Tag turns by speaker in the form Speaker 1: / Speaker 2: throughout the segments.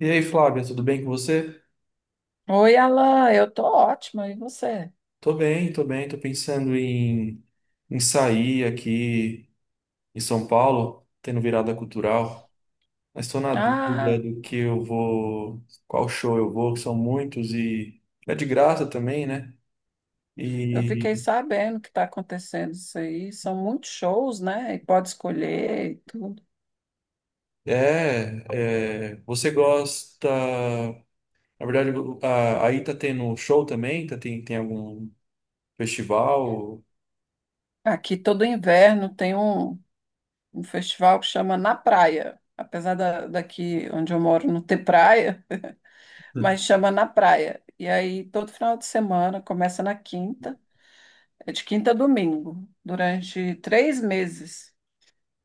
Speaker 1: E aí, Flávia, tudo bem com você?
Speaker 2: Oi, Alan, eu tô ótima, e você?
Speaker 1: Tô bem, tô bem, tô pensando em, sair aqui em São Paulo, tendo virada cultural, mas tô na dúvida
Speaker 2: Ah,
Speaker 1: do que eu vou, qual show eu vou, que são muitos e é de graça também, né?
Speaker 2: eu fiquei
Speaker 1: E
Speaker 2: sabendo que está acontecendo isso aí. São muitos shows, né? E pode escolher e tudo.
Speaker 1: você gosta, na verdade, aí tá tendo show também, tá, tem algum festival?
Speaker 2: Aqui todo inverno tem um festival que chama Na Praia. Apesar daqui onde eu moro não ter praia, mas chama Na Praia. E aí todo final de semana, começa na quinta, é de quinta a domingo, durante três meses.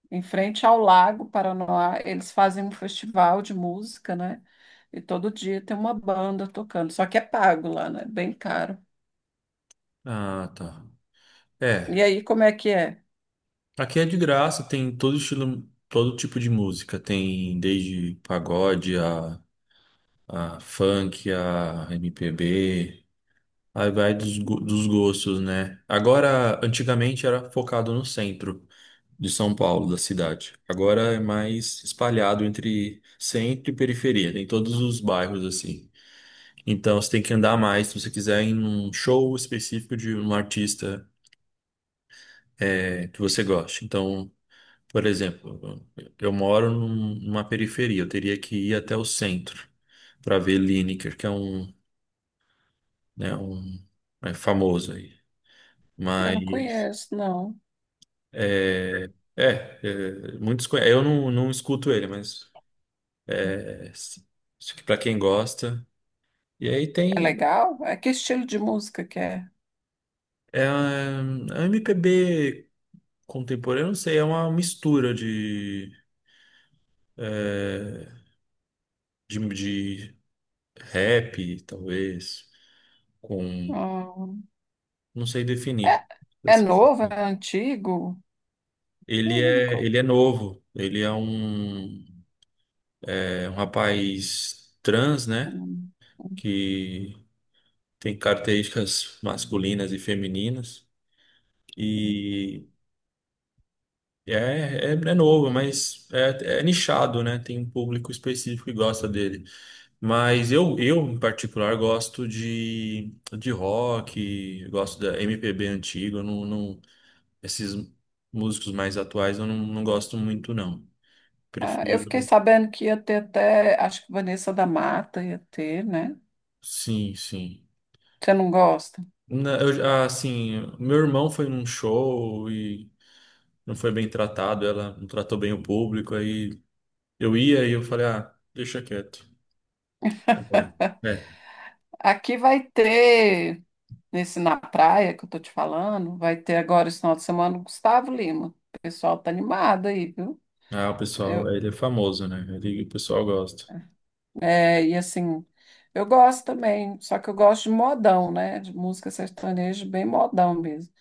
Speaker 2: Em frente ao Lago Paranoá, eles fazem um festival de música, né? E todo dia tem uma banda tocando, só que é pago lá, né? Bem caro.
Speaker 1: Ah, tá.
Speaker 2: E
Speaker 1: É.
Speaker 2: aí, como é que é?
Speaker 1: Aqui é de graça, tem todo estilo, todo tipo de música. Tem desde pagode a funk, a MPB. Aí vai
Speaker 2: Hum.
Speaker 1: dos gostos, né? Agora, antigamente era focado no centro de São Paulo, da cidade. Agora é mais espalhado entre centro e periferia, tem todos os bairros assim. Então você tem que andar mais se você quiser em um show específico de um artista é, que você goste. Então. Por exemplo, eu moro numa periferia, eu teria que ir até o centro para ver Lineker, que é um, né, um é famoso aí.
Speaker 2: Eu não
Speaker 1: Mas
Speaker 2: conheço, não.
Speaker 1: é, eu não escuto ele, mas é, para quem gosta. E aí
Speaker 2: É
Speaker 1: tem
Speaker 2: legal? É que estilo de música que é?
Speaker 1: é, a MPB contemporânea, eu não sei, é uma mistura de, de rap, talvez, com
Speaker 2: Hum,
Speaker 1: não sei
Speaker 2: é,
Speaker 1: definir.
Speaker 2: é novo? É antigo? Hum, co-
Speaker 1: Ele é novo, ele é um rapaz trans, né?
Speaker 2: hum, hum.
Speaker 1: Que tem características masculinas e femininas. E é, é novo, mas é nichado, né? Tem um público específico que gosta dele. Mas eu em particular, gosto de rock, gosto da MPB antiga, eu não, não- esses músicos mais atuais eu não, não gosto muito, não.
Speaker 2: Ah, eu fiquei
Speaker 1: Prefiro.
Speaker 2: sabendo que ia ter até, acho que Vanessa da Mata ia ter, né?
Speaker 1: Sim, sim.
Speaker 2: Você não gosta?
Speaker 1: Assim, meu irmão foi num show e não foi bem tratado, ela não tratou bem o público, aí eu ia e eu falei, ah, deixa quieto. É, é.
Speaker 2: Aqui vai ter. Nesse Na Praia que eu tô te falando, vai ter agora esse final de semana o Gustavo Lima. O pessoal tá animado aí, viu?
Speaker 1: Ah, o pessoal,
Speaker 2: Eu,
Speaker 1: ele é famoso, né? Ele, o pessoal gosta.
Speaker 2: e assim, eu gosto também, só que eu gosto de modão, né? De música sertaneja bem modão mesmo.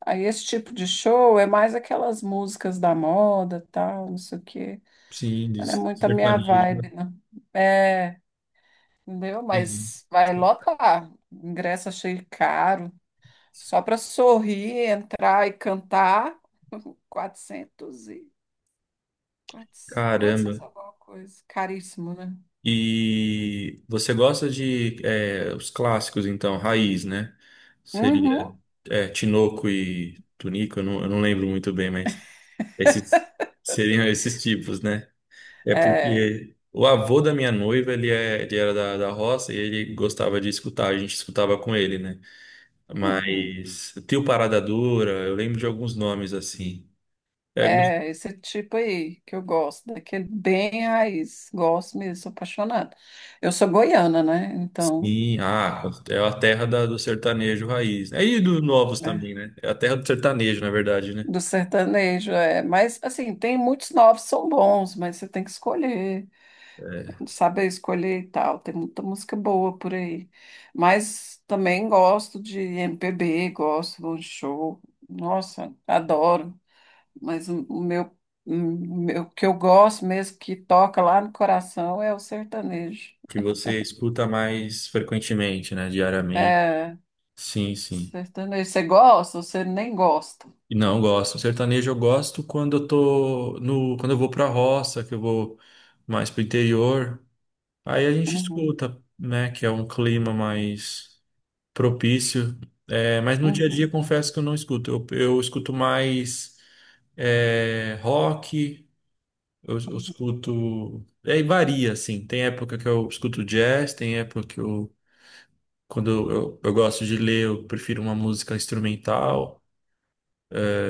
Speaker 2: Aí esse tipo de show é mais aquelas músicas da moda, tal, não sei o quê.
Speaker 1: Sim, de
Speaker 2: Mas não é muito a minha
Speaker 1: sertanejo.
Speaker 2: vibe, não. É, entendeu?
Speaker 1: Entendi.
Speaker 2: Mas vai lotar. Ingresso achei caro, só para sorrir, entrar e cantar, 400 e... 400,
Speaker 1: Caramba.
Speaker 2: 400 alguma coisa. Caríssimo, né?
Speaker 1: E você gosta de é, os clássicos, então, raiz, né? Seria
Speaker 2: Uhum.
Speaker 1: é, Tinoco e Tunico, eu não lembro muito bem, mas... Esses seriam esses tipos, né? É
Speaker 2: É,
Speaker 1: porque o avô da minha noiva, ele, é, ele era da roça e ele gostava de escutar, a gente escutava com ele, né?
Speaker 2: uhum.
Speaker 1: Mas Tio Parada Dura, eu lembro de alguns nomes assim. É, gos-
Speaker 2: É esse tipo aí que eu gosto, daquele bem raiz. Gosto mesmo, sou apaixonada. Eu sou goiana, né? Então,
Speaker 1: sim, ah, é a do sertanejo raiz. Aí dos novos
Speaker 2: é,
Speaker 1: também, né? É a terra do sertanejo, na verdade, né?
Speaker 2: do sertanejo, é. Mas, assim, tem muitos novos, são bons, mas você tem que escolher.
Speaker 1: É,
Speaker 2: Sabe escolher e tal. Tem muita música boa por aí. Mas também gosto de MPB, gosto, vou de show. Nossa, adoro. Mas o meu o que eu gosto mesmo, que toca lá no coração, é o sertanejo.
Speaker 1: que você escuta mais frequentemente, né? Diariamente.
Speaker 2: É,
Speaker 1: Sim, sim.
Speaker 2: sertanejo. Você gosta ou você nem gosta?
Speaker 1: Não, eu gosto. Sertanejo eu gosto quando eu tô no, quando eu vou pra roça, que eu vou mais pro interior. Aí a gente
Speaker 2: Uhum,
Speaker 1: escuta, né, que é um clima mais propício. É, mas no dia a dia
Speaker 2: uhum.
Speaker 1: confesso que eu não escuto. Eu escuto mais é, rock, eu escuto. Aí varia, assim. Tem época que eu escuto jazz, tem época que eu, eu gosto de ler, eu prefiro uma música instrumental.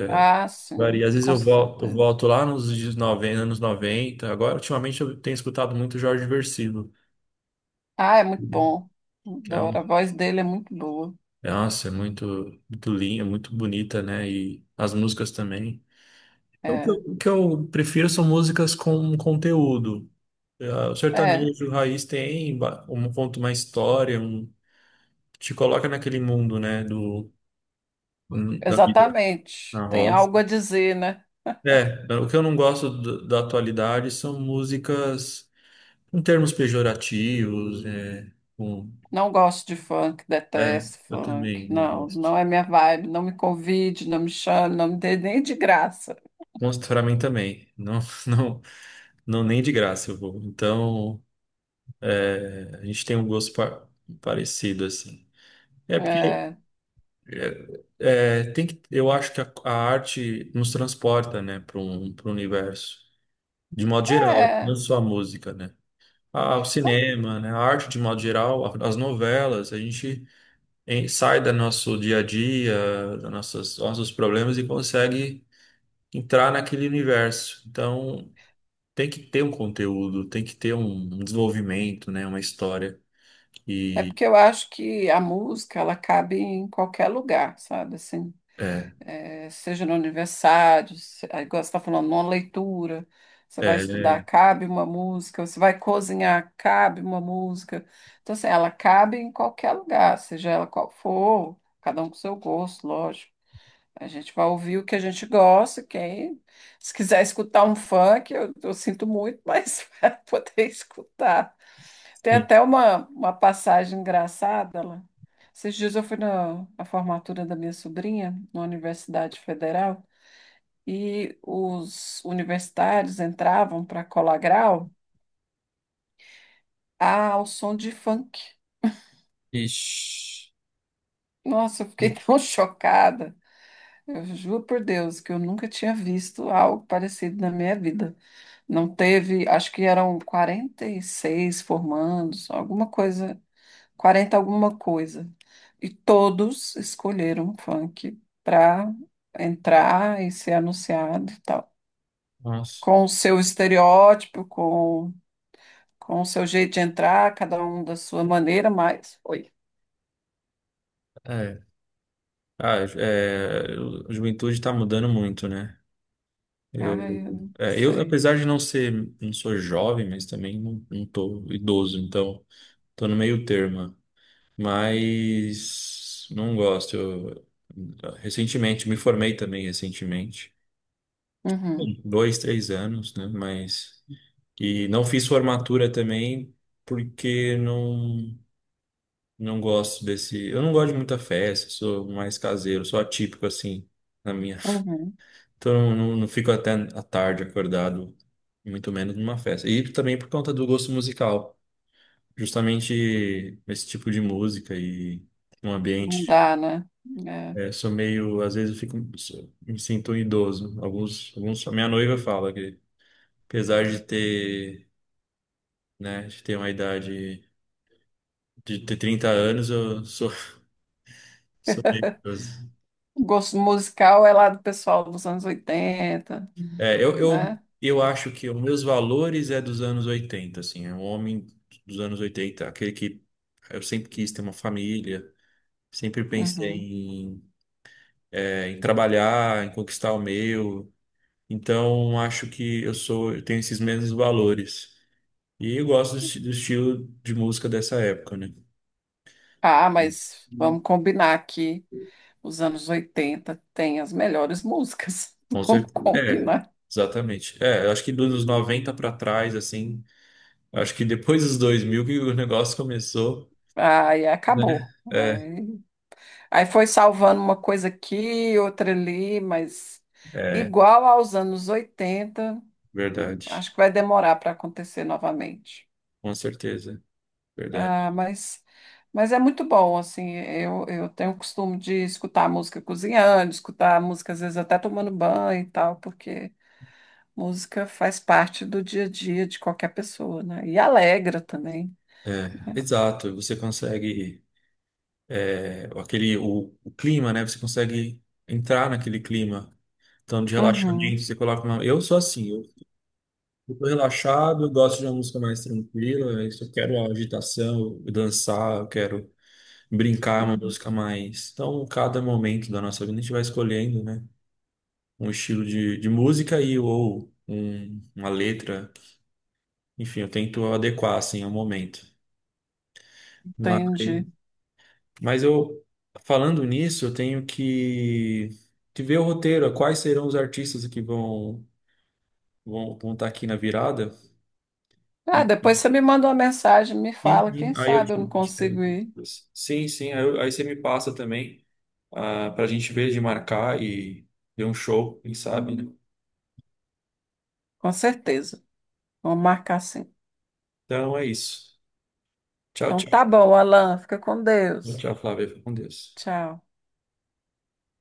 Speaker 2: Ah,
Speaker 1: Varia.
Speaker 2: sim,
Speaker 1: Às vezes
Speaker 2: com
Speaker 1: eu
Speaker 2: certeza.
Speaker 1: volto lá nos dias 90, anos noventa. Agora, ultimamente, eu tenho escutado muito Jorge Vercillo,
Speaker 2: Ah, é muito bom.
Speaker 1: que é um,
Speaker 2: Adoro. A voz dele é muito boa.
Speaker 1: é, nossa, é muito, muito linda, muito bonita, né? E as músicas também. Então,
Speaker 2: É,
Speaker 1: o que eu prefiro são músicas com conteúdo. É, o
Speaker 2: é.
Speaker 1: sertanejo raiz tem um ponto, uma história, um, te coloca naquele mundo, né? Do, da vida
Speaker 2: Exatamente.
Speaker 1: na
Speaker 2: Tem
Speaker 1: roça.
Speaker 2: algo a dizer, né?
Speaker 1: É, o que eu não gosto da atualidade são músicas. Com termos pejorativos, é, com,
Speaker 2: Não gosto de funk,
Speaker 1: é,
Speaker 2: detesto
Speaker 1: eu
Speaker 2: funk.
Speaker 1: também não
Speaker 2: Não,
Speaker 1: gosto.
Speaker 2: não é minha vibe. Não me convide, não me chame, não me dê nem de graça.
Speaker 1: Mostro pra mim também. Não, não, não, nem de graça eu vou. Então, é, a gente tem um parecido, assim. É porque
Speaker 2: É,
Speaker 1: tem que, eu acho que a arte nos transporta, né, para um, para o universo. De modo geral,
Speaker 2: é,
Speaker 1: não só a música, né? Ah, o
Speaker 2: Tá-
Speaker 1: cinema, né? A arte de modo geral, as novelas, a gente. Sai do nosso dia a dia, nossos problemas e consegue entrar naquele universo. Então, tem que ter um conteúdo, tem que ter um, um desenvolvimento, né? Uma história.
Speaker 2: é
Speaker 1: E
Speaker 2: porque eu acho que a música ela cabe em qualquer lugar, sabe? Assim,
Speaker 1: é,
Speaker 2: seja no aniversário, igual você está falando, numa leitura, você vai
Speaker 1: é,
Speaker 2: estudar,
Speaker 1: é,
Speaker 2: cabe uma música, você vai cozinhar, cabe uma música. Então, assim, ela cabe em qualquer lugar, seja ela qual for, cada um com seu gosto, lógico. A gente vai ouvir o que a gente gosta, quem se quiser escutar um funk, eu sinto muito, mas vai poder escutar. Tem
Speaker 1: sim.
Speaker 2: até uma passagem engraçada lá. Esses dias eu fui na formatura da minha sobrinha, na Universidade Federal, e os universitários entravam para colar grau ao som de funk.
Speaker 1: Ixi,
Speaker 2: Nossa, eu fiquei tão chocada. Eu juro por Deus que eu nunca tinha visto algo parecido na minha vida. Não teve, acho que eram 46 formandos, alguma coisa 40 alguma coisa. E todos escolheram funk para entrar e ser anunciado e tal.
Speaker 1: nossa,
Speaker 2: Com o seu estereótipo, com o seu jeito de entrar, cada um da sua maneira, mas foi.
Speaker 1: é. Ah, é, a juventude está mudando muito, né?
Speaker 2: Ai, eu não
Speaker 1: Eu,
Speaker 2: sei.
Speaker 1: apesar de não ser, não sou jovem, mas também não tô idoso, então tô no meio termo. Mas não gosto. Eu, recentemente, me formei também recentemente,
Speaker 2: Uhum,
Speaker 1: dois, três anos, né? Mas e não fiz formatura também porque não não gosto desse. Eu não gosto de muita festa, sou mais caseiro, sou atípico assim na minha.
Speaker 2: uhum.
Speaker 1: Então não, fico até a tarde acordado, muito menos numa festa. E também por conta do gosto musical, justamente esse tipo de música e um
Speaker 2: Não
Speaker 1: ambiente.
Speaker 2: dá, né? É.
Speaker 1: É, sou meio, às vezes eu fico, me sinto um idoso. Alguns, a minha noiva fala que, apesar de ter, né, de ter uma idade, de ter 30 anos, eu sou, sou meio idoso.
Speaker 2: O gosto musical é lá do pessoal dos anos oitenta,
Speaker 1: É,
Speaker 2: né?
Speaker 1: eu acho que os meus valores é dos anos 80 assim, é um homem dos anos 80 aquele que eu sempre quis ter uma família, sempre pensei
Speaker 2: Uhum.
Speaker 1: em, é, em trabalhar, em conquistar o meu. Então, acho que eu sou, eu tenho esses mesmos valores. E eu gosto do, do estilo de música dessa época, né?
Speaker 2: Ah, mas vamos combinar aqui. Os anos 80 tem as melhores músicas.
Speaker 1: Com
Speaker 2: Vamos
Speaker 1: certeza. É,
Speaker 2: combinar.
Speaker 1: exatamente. É, eu acho que dos noventa, 90 pra trás, assim, eu acho que depois dos 2000 que o negócio começou,
Speaker 2: Aí
Speaker 1: né?
Speaker 2: acabou.
Speaker 1: É,
Speaker 2: Aí, aí foi salvando uma coisa aqui, outra ali, mas
Speaker 1: é,
Speaker 2: igual aos anos 80,
Speaker 1: verdade.
Speaker 2: acho que vai demorar para acontecer novamente.
Speaker 1: Com certeza, verdade.
Speaker 2: Ah, mas, mas é muito bom, assim, eu tenho o costume de escutar música cozinhando, escutar música às vezes até tomando banho e tal, porque música faz parte do dia a dia de qualquer pessoa, né? E alegra também.
Speaker 1: Exato, você consegue, é, aquele, o clima, né? Você consegue entrar naquele clima. Então, de
Speaker 2: Uhum,
Speaker 1: relaxamento, você coloca uma... Eu sou assim, eu tô relaxado, eu gosto de uma música mais tranquila. É isso, eu quero agitação, eu dançar, eu quero brincar, é uma música mais. Então, cada momento da nossa vida a gente vai escolhendo, né? Um estilo de música e ou uma letra. Enfim, eu tento adequar assim ao momento. Mas,
Speaker 2: entendi.
Speaker 1: mas eu falando nisso, eu tenho que ver o roteiro, quais serão os artistas que vão vão estar aqui na virada.
Speaker 2: Ah,
Speaker 1: E,
Speaker 2: depois você me manda uma mensagem, me fala,
Speaker 1: sim,
Speaker 2: quem
Speaker 1: aí eu te,
Speaker 2: sabe eu não
Speaker 1: te-
Speaker 2: consigo ir.
Speaker 1: sim, sim, aí, aí você me passa também ah, para a gente ver de marcar e ver um show, quem sabe, né?
Speaker 2: Com certeza. Vamos marcar sim.
Speaker 1: Então é isso. Tchau,
Speaker 2: Então
Speaker 1: tchau.
Speaker 2: tá bom, Alan, fica com Deus.
Speaker 1: Tchau, Flávia. Fica com Deus.
Speaker 2: Tchau.